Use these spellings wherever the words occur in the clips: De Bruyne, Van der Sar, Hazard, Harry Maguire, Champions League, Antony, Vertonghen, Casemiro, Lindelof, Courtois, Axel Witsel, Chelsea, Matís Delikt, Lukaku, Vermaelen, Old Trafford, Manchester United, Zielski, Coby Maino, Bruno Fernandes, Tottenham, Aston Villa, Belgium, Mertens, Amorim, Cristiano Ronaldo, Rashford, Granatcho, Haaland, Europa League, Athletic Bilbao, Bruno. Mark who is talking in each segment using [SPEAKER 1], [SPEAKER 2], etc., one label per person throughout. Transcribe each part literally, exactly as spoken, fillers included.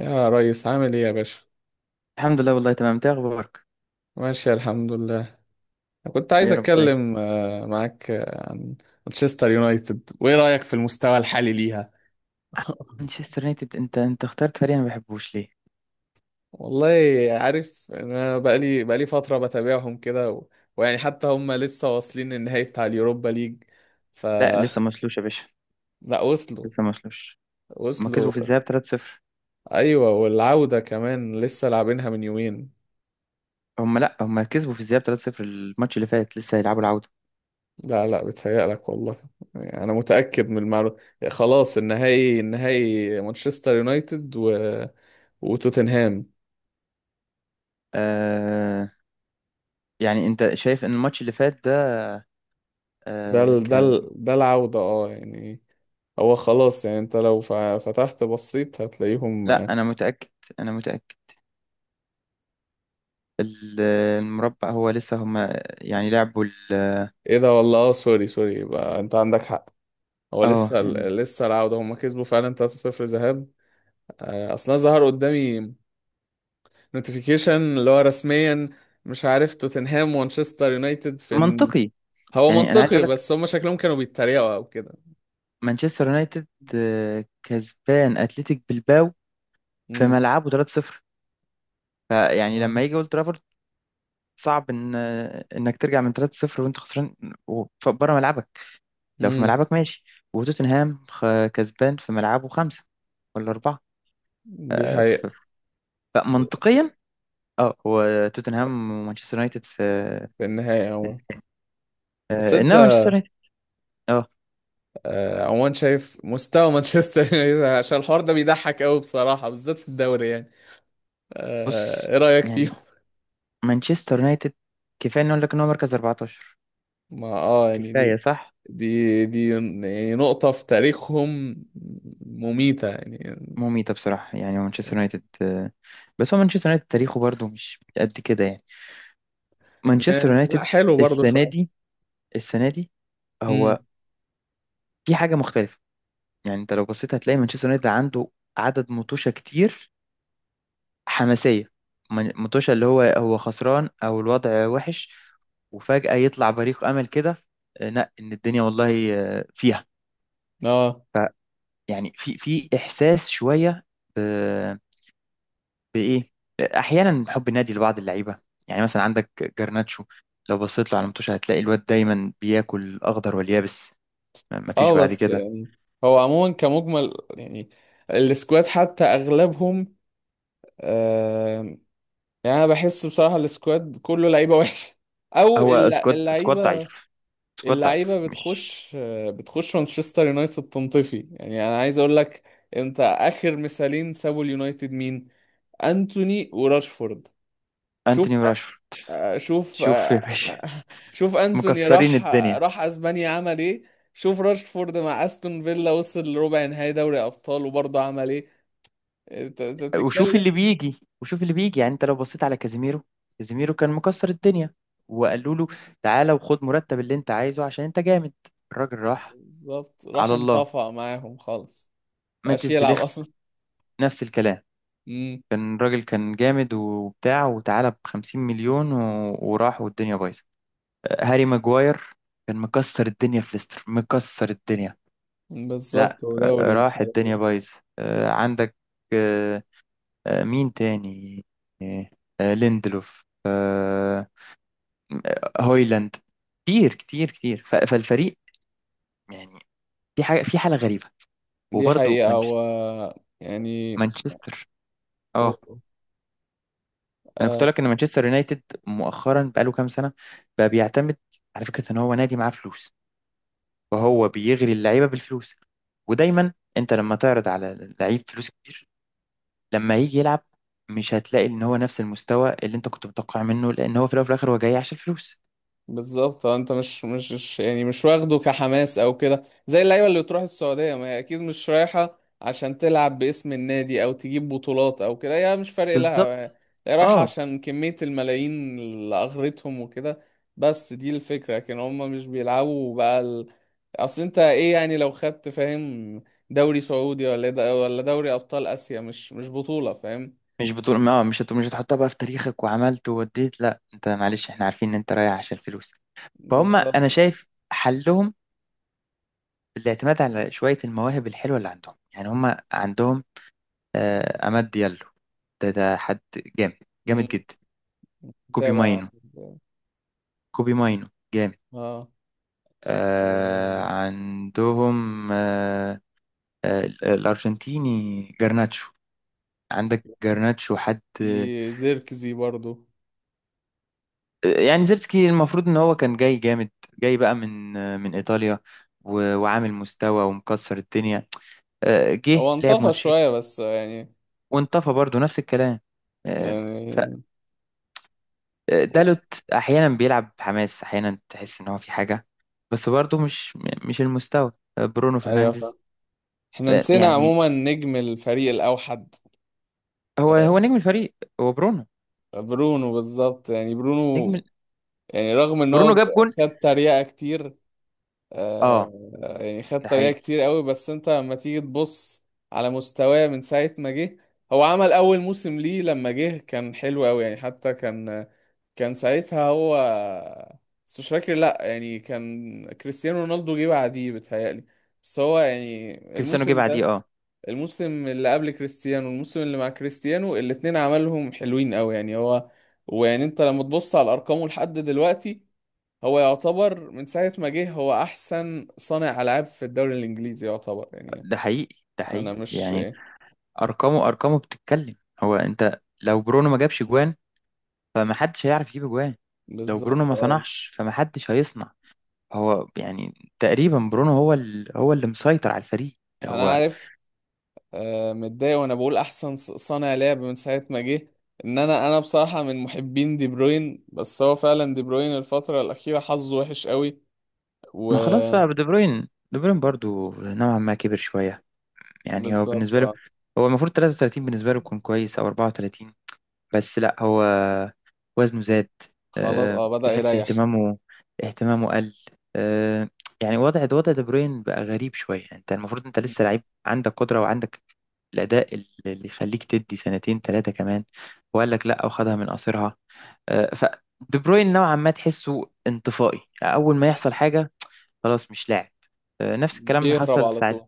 [SPEAKER 1] يا ريس، عامل ايه يا باشا؟
[SPEAKER 2] الحمد لله، والله تمام. انت اخبارك؟
[SPEAKER 1] ماشي، الحمد لله. أنا كنت عايز
[SPEAKER 2] يا رب دايما.
[SPEAKER 1] اتكلم آه، معاك آه، عن مانشستر يونايتد، وايه رايك في المستوى الحالي ليها؟
[SPEAKER 2] مانشستر يونايتد، انت انت اخترت فريق انا ما بحبوش. ليه؟
[SPEAKER 1] والله. عارف، انا بقالي بقالي فتره بتابعهم كده و... ويعني حتى هم لسه واصلين النهائي بتاع اليوروبا ليج. ف
[SPEAKER 2] لا لسه مسلوش يا باشا،
[SPEAKER 1] لا، وصلوا
[SPEAKER 2] لسه مسلوش. هما
[SPEAKER 1] وصلوا.
[SPEAKER 2] كسبوا في الذهاب ثلاثة صفر.
[SPEAKER 1] ايوه، والعوده كمان لسه لاعبينها من يومين.
[SPEAKER 2] هما لا هما كسبوا في الذهاب ثلاثة صفر، الماتش اللي فات، لسه هيلعبوا العودة.
[SPEAKER 1] لا لا، بتهيألك والله. يعني أنا متأكد من المعلومة. خلاص، النهائي، النهائي مانشستر يونايتد و... وتوتنهام.
[SPEAKER 2] آه يعني انت شايف ان الماتش اللي فات ده
[SPEAKER 1] ده
[SPEAKER 2] آه
[SPEAKER 1] ال... ده
[SPEAKER 2] كان،
[SPEAKER 1] ال... ده العودة اه يعني. هو خلاص، يعني أنت لو ف- فتحت بصيت هتلاقيهم آه،
[SPEAKER 2] لا انا متأكد، انا متأكد. ال- المربع هو لسه هما يعني لعبوا ال-
[SPEAKER 1] إيه ده والله؟ اه سوري سوري، يبقى أنت عندك حق. هو
[SPEAKER 2] اه
[SPEAKER 1] لسه
[SPEAKER 2] يعني
[SPEAKER 1] ال- لسه العودة، هما كسبوا فعلا ثلاثة صفر ذهاب. آه، أصلا ظهر قدامي نوتيفيكيشن اللي هو رسميا، مش عارف، توتنهام ومانشستر يونايتد في.
[SPEAKER 2] منطقي.
[SPEAKER 1] هو
[SPEAKER 2] يعني انا عايز
[SPEAKER 1] منطقي،
[SPEAKER 2] اقول لك،
[SPEAKER 1] بس هم شكلهم كانوا بيتريقوا او كده.
[SPEAKER 2] مانشستر يونايتد آه، كسبان اتلتيك بلباو في
[SPEAKER 1] امم.
[SPEAKER 2] ملعبه ثلاثة صفر، فيعني
[SPEAKER 1] آه.
[SPEAKER 2] لما يجي اولد ترافورد صعب ان انك ترجع من ثلاثة صفر وانت خسران بره ملعبك. لو في
[SPEAKER 1] امم.
[SPEAKER 2] ملعبك، ماشي. وتوتنهام خ- كسبان في ملعبه خمسة ولا أربعة.
[SPEAKER 1] دي
[SPEAKER 2] آه،
[SPEAKER 1] حقيقة.
[SPEAKER 2] ف- فمنطقيا، اه هو توتنهام ومانشستر يونايتد في
[SPEAKER 1] في النهاية
[SPEAKER 2] إن-
[SPEAKER 1] عموما. بس
[SPEAKER 2] آه،
[SPEAKER 1] انت
[SPEAKER 2] انما مانشستر يونايتد، اه
[SPEAKER 1] آه، عموما شايف مستوى مانشستر يونايتد، عشان الحوار ده بيضحك قوي بصراحة، بالذات في الدوري يعني، آه،
[SPEAKER 2] بص،
[SPEAKER 1] ايه رأيك فيهم؟
[SPEAKER 2] يعني مانشستر يونايتد، كفايه نقول لك ان هو مركز اربعتاشر.
[SPEAKER 1] ما اه يعني دي
[SPEAKER 2] كفايه صح؟
[SPEAKER 1] دي دي يعني نقطة في تاريخهم مميتة يعني.
[SPEAKER 2] مميتة بصراحة، يعني مانشستر يونايتد آه، بس هو مانشستر يونايتد تاريخه برضه مش قد كده يعني.
[SPEAKER 1] م-
[SPEAKER 2] مانشستر
[SPEAKER 1] لا
[SPEAKER 2] يونايتد
[SPEAKER 1] حلو برضه
[SPEAKER 2] السنه
[SPEAKER 1] شوية.
[SPEAKER 2] دي السنه دي هو
[SPEAKER 1] امم.
[SPEAKER 2] في حاجه مختلفه. يعني انت لو بصيت هتلاقي مانشستر يونايتد عنده عدد مطوشه كتير حماسيه، من- مطوشه اللي هو هو خسران او الوضع وحش، وفجاه يطلع بريق امل كده. آه، لا ان الدنيا والله آه، فيها.
[SPEAKER 1] اه.
[SPEAKER 2] فيعني في في احساس شويه ب- بايه، احيانا حب النادي لبعض اللعيبه. يعني مثلا عندك جرناتشو، لو بصيت له على المطوشه هتلاقي الواد دايما بياكل اخضر واليابس، ما فيش
[SPEAKER 1] اه
[SPEAKER 2] بعد
[SPEAKER 1] بس
[SPEAKER 2] كده.
[SPEAKER 1] يعني هو عموما كمجمل يعني السكواد حتى اغلبهم، آم، يعني انا بحس بصراحه السكواد كله لعيبه وحشه او
[SPEAKER 2] هو
[SPEAKER 1] الل-
[SPEAKER 2] سكواد، سكواد
[SPEAKER 1] اللعيبه،
[SPEAKER 2] ضعيف سكواد ضعيف
[SPEAKER 1] اللعيبه
[SPEAKER 2] مش
[SPEAKER 1] بتخش، بتخش مانشستر يونايتد تنطفي. يعني انا عايز اقول لك، انت اخر مثالين سابوا اليونايتد مين؟ انتوني وراشفورد. شوف،
[SPEAKER 2] انتوني وراشفورد؟
[SPEAKER 1] آه، شوف
[SPEAKER 2] شوف يا
[SPEAKER 1] آه،
[SPEAKER 2] باشا،
[SPEAKER 1] شوف انتوني
[SPEAKER 2] مكسرين
[SPEAKER 1] راح آه،
[SPEAKER 2] الدنيا.
[SPEAKER 1] راح اسبانيا عمل ايه؟ شوف راشفورد مع استون فيلا وصل لربع نهائي دوري ابطال وبرضه عمل ايه؟ انت انت بتتكلم.
[SPEAKER 2] وشوف اللي بيجي، وشوف اللي بيجي. يعني انت لو بصيت على كازيميرو، كازيميرو كان مكسر الدنيا، وقالوا له تعالى وخد مرتب اللي انت عايزه عشان انت جامد، الراجل راح
[SPEAKER 1] بالظبط، راح
[SPEAKER 2] على الله.
[SPEAKER 1] انطفى معاهم خالص، مبقاش
[SPEAKER 2] ماتيس
[SPEAKER 1] يلعب
[SPEAKER 2] ديليخت
[SPEAKER 1] اصلا.
[SPEAKER 2] نفس الكلام،
[SPEAKER 1] امم.
[SPEAKER 2] كان الراجل كان جامد وبتاع، وتعالى ب خمسين مليون و... وراح، والدنيا بايظه. هاري ماجواير كان مكسر الدنيا في ليستر، مكسر الدنيا. لا
[SPEAKER 1] بالظبط،
[SPEAKER 2] آه،
[SPEAKER 1] ودوري ومش
[SPEAKER 2] راح
[SPEAKER 1] عارف
[SPEAKER 2] الدنيا
[SPEAKER 1] ايه.
[SPEAKER 2] بايظ. آه، عندك آه، آه، مين تاني؟ آه، آه، ليندلوف، آه، هويلاند. كتير كتير كتير، ف- فالفريق يعني في حاجه، في حاله غريبه.
[SPEAKER 1] دي
[SPEAKER 2] وبرضه
[SPEAKER 1] حقيقة و
[SPEAKER 2] مانشستر
[SPEAKER 1] يعني.
[SPEAKER 2] مانشستر اه، انا كنت اقول لك ان مانشستر يونايتد مؤخرا بقاله كام سنه بقى بيعتمد على فكره ان هو نادي معاه فلوس، وهو بيغري اللعيبه بالفلوس. ودايما انت لما تعرض على لعيب فلوس كتير، لما يجي يلعب مش هتلاقي ان هو نفس المستوى اللي انت كنت متوقع منه، لان هو في الاول وفي الاخر هو جاي عشان الفلوس.
[SPEAKER 1] بالظبط اه، انت مش مش مش- يعني مش واخده كحماس او كده، زي اللعيبه اللي بتروح السعوديه، ما هي اكيد مش رايحه عشان تلعب باسم النادي او تجيب بطولات او كده، هي مش فارق لها.
[SPEAKER 2] بالظبط،
[SPEAKER 1] هي رايحه
[SPEAKER 2] اه.
[SPEAKER 1] عشان كميه الملايين اللي اغرتهم وكده. بس دي الفكره، لكن هم مش بيلعبوا بقى ال... اصل انت ايه يعني لو خدت، فاهم؟ دوري سعودي ولا د... ولا دوري ابطال اسيا، مش مش بطوله، فاهم؟
[SPEAKER 2] مش بتقول اه مش هت... مش هتحطها بقى في تاريخك وعملت ووديت؟ لا انت معلش، احنا عارفين ان انت رايح عشان الفلوس. فهم انا
[SPEAKER 1] بالظبط اه.
[SPEAKER 2] شايف حلهم الاعتماد على شويه المواهب الحلوه اللي عندهم. يعني هم عندهم آه عماد ديالو، ده ده حد جامد، جامد
[SPEAKER 1] مم.
[SPEAKER 2] جدا. كوبي
[SPEAKER 1] متابع.
[SPEAKER 2] ماينو كوبي ماينو جامد.
[SPEAKER 1] اه.
[SPEAKER 2] آه عندهم آه، آه، الأرجنتيني جرناتشو، عندك جرناتشو حد آه،
[SPEAKER 1] في زيركزي برضو.
[SPEAKER 2] يعني. زيرتسكي المفروض إن هو كان جاي جامد، جاي بقى من آه، من إيطاليا، و- وعامل مستوى ومكسر الدنيا. آه، جه
[SPEAKER 1] هو
[SPEAKER 2] لعب
[SPEAKER 1] انطفى
[SPEAKER 2] ماتشين
[SPEAKER 1] شوية بس يعني.
[SPEAKER 2] وانطفى برضه، نفس الكلام. آه،
[SPEAKER 1] يعني.
[SPEAKER 2] فدالوت أحيانا بيلعب حماس، أحيانا تحس إن هو في حاجة، بس برضه مش، مش المستوى. آه، برونو
[SPEAKER 1] ايوه
[SPEAKER 2] فرنانديز
[SPEAKER 1] فاهم. احنا
[SPEAKER 2] آه،
[SPEAKER 1] نسينا
[SPEAKER 2] يعني،
[SPEAKER 1] عموما نجم الفريق الاوحد.
[SPEAKER 2] هو
[SPEAKER 1] آه،
[SPEAKER 2] هو نجم الفريق هو برونو.
[SPEAKER 1] برونو بالظبط يعني
[SPEAKER 2] نجم
[SPEAKER 1] برونو،
[SPEAKER 2] ال-
[SPEAKER 1] يعني رغم ان هو
[SPEAKER 2] برونو
[SPEAKER 1] ب-
[SPEAKER 2] جاب جون،
[SPEAKER 1] خد تريقة كتير،
[SPEAKER 2] اه
[SPEAKER 1] آه، يعني خد
[SPEAKER 2] ده
[SPEAKER 1] تريقة
[SPEAKER 2] حقيقي.
[SPEAKER 1] كتير قوي، بس انت لما تيجي تبص على مستواه من ساعة ما جه. هو عمل اول موسم ليه لما جه كان حلو قوي يعني، حتى كان، كان ساعتها هو، بس مش فاكر لا يعني، كان كريستيانو رونالدو جه بعديه بتهيألي. بس هو يعني
[SPEAKER 2] كريستيانو جه
[SPEAKER 1] الموسم
[SPEAKER 2] بعديه،
[SPEAKER 1] ده،
[SPEAKER 2] اه.
[SPEAKER 1] الموسم اللي قبل كريستيانو والموسم اللي مع كريستيانو، الاتنين عملهم حلوين قوي يعني هو. ويعني انت لما تبص على ارقامه لحد دلوقتي، هو يعتبر من ساعة ما جه هو احسن صانع العاب في الدوري الانجليزي يعتبر يعني.
[SPEAKER 2] ده حقيقي، ده
[SPEAKER 1] انا
[SPEAKER 2] حقيقي
[SPEAKER 1] مش.
[SPEAKER 2] يعني. ارقامه ارقامه بتتكلم. هو انت لو برونو ما جابش جوان فمحدش هيعرف يجيب جوان، لو برونو
[SPEAKER 1] بالظبط
[SPEAKER 2] ما
[SPEAKER 1] اه.
[SPEAKER 2] صنعش فمحدش هيصنع. هو يعني تقريبا برونو هو ال... هو اللي مسيطر على الفريق.
[SPEAKER 1] انا
[SPEAKER 2] هو
[SPEAKER 1] عارف. آه، متضايق وانا بقول احسن ص- صانع لعب من ساعه ما جه. ان انا انا بصراحه من محبين دي بروين، بس هو فعلا دي بروين الفتره الاخيره حظه وحش قوي.
[SPEAKER 2] ما خلاص بقى دي بروين، دي بروين برضو نوعا ما كبر شوية. يعني هو
[SPEAKER 1] وبالظبط
[SPEAKER 2] بالنسبة له،
[SPEAKER 1] اه.
[SPEAKER 2] هو المفروض تلاتة وتلاتين، بالنسبة له يكون كويس، او اربعة وثلاثين. بس لا، هو وزنه زاد.
[SPEAKER 1] خلاص
[SPEAKER 2] آه،
[SPEAKER 1] اه بدأ
[SPEAKER 2] تحس
[SPEAKER 1] يريح.
[SPEAKER 2] اهتمامه، اهتمامه قل. آه، يعني وضع وضع دي بروين بقى غريب شوية. يعني انت المفروض انت
[SPEAKER 1] مم.
[SPEAKER 2] لسه لعيب، عندك قدرة وعندك الأداء اللي يخليك تدي سنتين ثلاثة كمان. وقال لك لا، وخدها من قصيرها. آه، ف دي بروين نوعا ما تحسه انطفائي، أول ما يحصل
[SPEAKER 1] مم.
[SPEAKER 2] حاجة خلاص مش لاعب. آه، نفس الكلام اللي
[SPEAKER 1] بيهرب
[SPEAKER 2] حصل
[SPEAKER 1] على طول.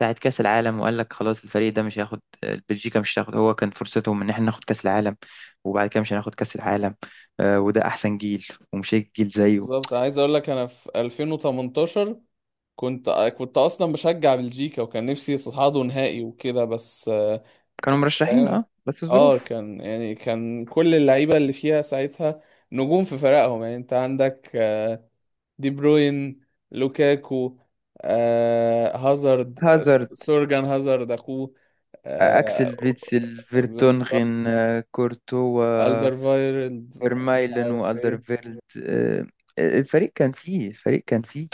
[SPEAKER 2] بتاعت كأس العالم، وقال لك خلاص الفريق ده مش هياخد، بلجيكا مش هتاخد. هو كان فرصتهم ان احنا ناخد كأس العالم، وبعد كده مش هناخد كأس العالم. آه، وده احسن جيل، ومش هيجي جيل زيه.
[SPEAKER 1] بالظبط، عايز اقول لك، انا في ألفين وتمنتاشر كنت كنت اصلا بشجع بلجيكا، وكان نفسي يصعدوا نهائي وكده بس.
[SPEAKER 2] كانوا مرشحين،
[SPEAKER 1] فاهم.
[SPEAKER 2] اه، بس
[SPEAKER 1] اه،
[SPEAKER 2] الظروف.
[SPEAKER 1] كان يعني كان كل اللعيبه اللي فيها ساعتها نجوم في فرقهم، يعني انت عندك آه، دي بروين، لوكاكو، آه، هازارد، س-
[SPEAKER 2] هازارد
[SPEAKER 1] سورجان هازارد اخوه،
[SPEAKER 2] آه،
[SPEAKER 1] آه،
[SPEAKER 2] اكسل فيتسل
[SPEAKER 1] بالظبط.
[SPEAKER 2] فيرتونغن آه، كورتوا.
[SPEAKER 1] ألدر فايرلد، مش
[SPEAKER 2] فيرمايلن
[SPEAKER 1] عارف ايه.
[SPEAKER 2] والدرفيلد آه، الفريق كان فيه الفريق كان فيه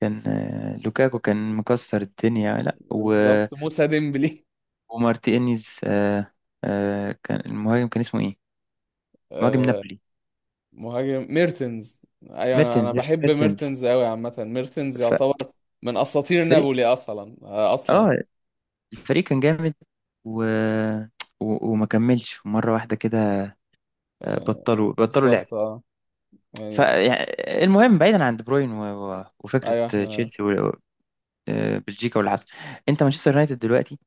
[SPEAKER 2] كان آه، لوكاكو كان مكسر الدنيا. لا و-
[SPEAKER 1] بالظبط، موسى ديمبلي،
[SPEAKER 2] ومارتينيز آه، آه، كان المهاجم كان اسمه ايه؟ مهاجم
[SPEAKER 1] آه،
[SPEAKER 2] نابولي،
[SPEAKER 1] مهاجم ميرتنز. ايوه، انا انا
[SPEAKER 2] ميرتنز،
[SPEAKER 1] بحب
[SPEAKER 2] ميرتنس.
[SPEAKER 1] ميرتنز قوي عامه، ميرتنز يعتبر من اساطير
[SPEAKER 2] فالفريق،
[SPEAKER 1] نابولي اصلا، آه، اصلا.
[SPEAKER 2] اه، الفريق كان جامد، و... و... وما كملش مرة واحدة كده. آه،
[SPEAKER 1] آه،
[SPEAKER 2] بطلوا بطلوا لعب.
[SPEAKER 1] بالظبط اه يعني.
[SPEAKER 2] فالمهم بعيدا عن دي بروين و... و... وفكرة
[SPEAKER 1] ايوه احنا.
[SPEAKER 2] تشيلسي و... آه، بلجيكا واللي حصل، انت مانشستر يونايتد دلوقتي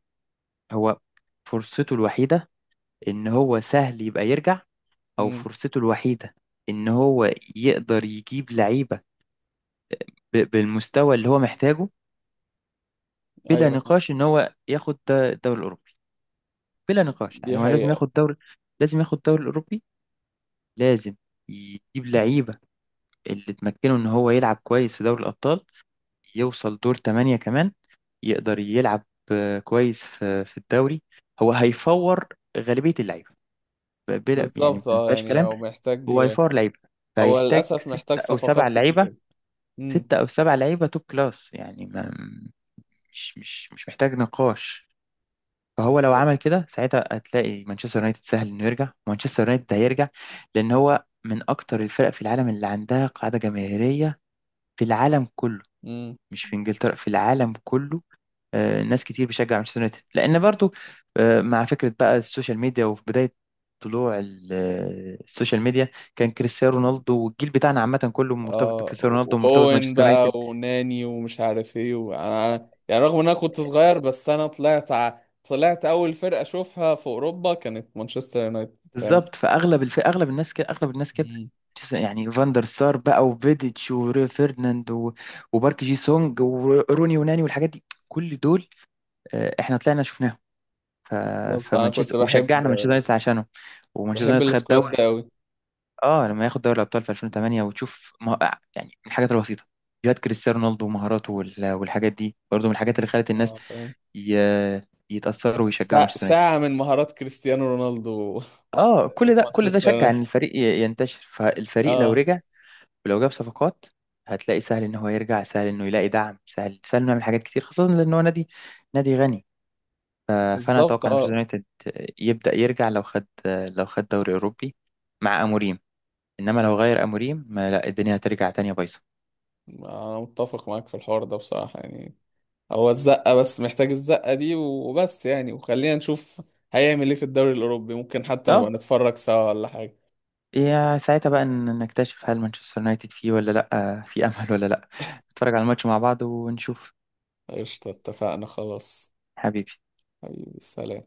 [SPEAKER 2] هو فرصته الوحيدة ان هو سهل يبقى يرجع، او
[SPEAKER 1] مم.
[SPEAKER 2] فرصته الوحيدة ان هو يقدر يجيب لعيبة ب... بالمستوى اللي هو محتاجه، بلا
[SPEAKER 1] ايوه.
[SPEAKER 2] نقاش ان هو ياخد الدوري الاوروبي. بلا نقاش، يعني
[SPEAKER 1] دي
[SPEAKER 2] هو لازم
[SPEAKER 1] حقيقة.
[SPEAKER 2] ياخد دوري، لازم ياخد الدوري الأوروبي. لازم يجيب لعيبة اللي تمكنه إن هو يلعب كويس في دوري الأبطال، يوصل دور تمانية كمان، يقدر يلعب آه، كويس في في الدوري. هو هيفور غالبية اللعيبة، ب- بلا يعني
[SPEAKER 1] بالظبط
[SPEAKER 2] ما
[SPEAKER 1] اه
[SPEAKER 2] فيهاش
[SPEAKER 1] يعني،
[SPEAKER 2] كلام.
[SPEAKER 1] هو محتاج،
[SPEAKER 2] هو هيفور لعيبة،
[SPEAKER 1] هو
[SPEAKER 2] فهيحتاج
[SPEAKER 1] للأسف
[SPEAKER 2] ستة
[SPEAKER 1] محتاج
[SPEAKER 2] أو
[SPEAKER 1] صفقات
[SPEAKER 2] سبع لعيبة،
[SPEAKER 1] كتير. مم.
[SPEAKER 2] ستة أو سبع لعيبة توب كلاس، يعني ما مش مش مش محتاج نقاش. فهو لو عمل
[SPEAKER 1] بس.
[SPEAKER 2] كده ساعتها هتلاقي مانشستر يونايتد سهل انه يرجع، مانشستر يونايتد هيرجع، لان هو من اكتر الفرق في العالم اللي عندها قاعده جماهيريه في العالم كله،
[SPEAKER 1] مم.
[SPEAKER 2] مش في انجلترا، في العالم كله. آه، ناس كتير بتشجع مانشستر يونايتد لان برضو آه، مع فكره بقى السوشيال ميديا، وفي بدايه طلوع ال- آه، السوشيال ميديا، كان كريستيانو رونالدو والجيل بتاعنا عامه كله مرتبط
[SPEAKER 1] اه
[SPEAKER 2] بكريستيانو رونالدو، ومرتبط
[SPEAKER 1] واوين
[SPEAKER 2] بمانشستر.
[SPEAKER 1] بقى، وناني ومش عارف ايه، وانا يعني رغم ان انا كنت صغير بس انا طلعت ع... طلعت اول فرقة اشوفها في اوروبا كانت مانشستر يونايتد، فاهم؟
[SPEAKER 2] بالظبط، فاغلب الف... اغلب الناس كده، اغلب الناس كده.
[SPEAKER 1] مم.
[SPEAKER 2] يعني فاندر سار بقى، وفيديتش، وفيرناند، و... وبارك جي سونج، وروني يوناني، والحاجات دي، كل دول آه، احنا طلعنا شفناهم. ف...
[SPEAKER 1] بالظبط، انا كنت
[SPEAKER 2] فمانشستر،
[SPEAKER 1] بحب،
[SPEAKER 2] وشجعنا مانشستر يونايتد عشانهم. ومانشستر
[SPEAKER 1] بحب
[SPEAKER 2] يونايتد خد
[SPEAKER 1] السكواد
[SPEAKER 2] دوري،
[SPEAKER 1] ده قوي.
[SPEAKER 2] اه لما ياخد دوري الابطال في الفين وتمانية وتشوف ما... يعني من الحاجات البسيطه فيديوهات كريستيانو رونالدو ومهاراته وال... والحاجات دي برضه من الحاجات اللي خلت الناس
[SPEAKER 1] اه فاهم.
[SPEAKER 2] ي... يتأثروا ويشجعوا
[SPEAKER 1] ساعة
[SPEAKER 2] مانشستر يونايتد.
[SPEAKER 1] ساعة من مهارات كريستيانو رونالدو.
[SPEAKER 2] اه
[SPEAKER 1] في
[SPEAKER 2] كل ده كل ده
[SPEAKER 1] مانشستر
[SPEAKER 2] شجع ان
[SPEAKER 1] يونايتد.
[SPEAKER 2] الفريق ي- ينتشر. فالفريق لو
[SPEAKER 1] اه.
[SPEAKER 2] رجع ولو جاب صفقات، هتلاقي سهل ان هو يرجع، سهل انه يلاقي دعم، سهل سهل انه يعمل حاجات كتير، خاصة لان هو نادي، نادي غني. ف- فانا
[SPEAKER 1] بالظبط
[SPEAKER 2] اتوقع ان مانشستر
[SPEAKER 1] اه.
[SPEAKER 2] يونايتد يبدأ يرجع لو خد، لو خد دوري اوروبي مع اموريم. انما لو غير اموريم، ما لا، الدنيا هترجع تانية بايظة.
[SPEAKER 1] انا متفق معاك في الحوار ده بصراحة يعني. هو الزقة بس، محتاج الزقة دي وبس يعني، وخلينا نشوف هيعمل ايه في الدوري الأوروبي. ممكن حتى نبقى
[SPEAKER 2] اه،
[SPEAKER 1] نتفرج سوا ولا حاجة.
[SPEAKER 2] يا ساعتها بقى ن- نكتشف هل مانشستر يونايتد فيه ولا لا، في امل ولا لا. نتفرج على الماتش مع بعض ونشوف.
[SPEAKER 1] قشطة، اتفقنا خلاص.
[SPEAKER 2] حبيبي.
[SPEAKER 1] حبيبي، سلام.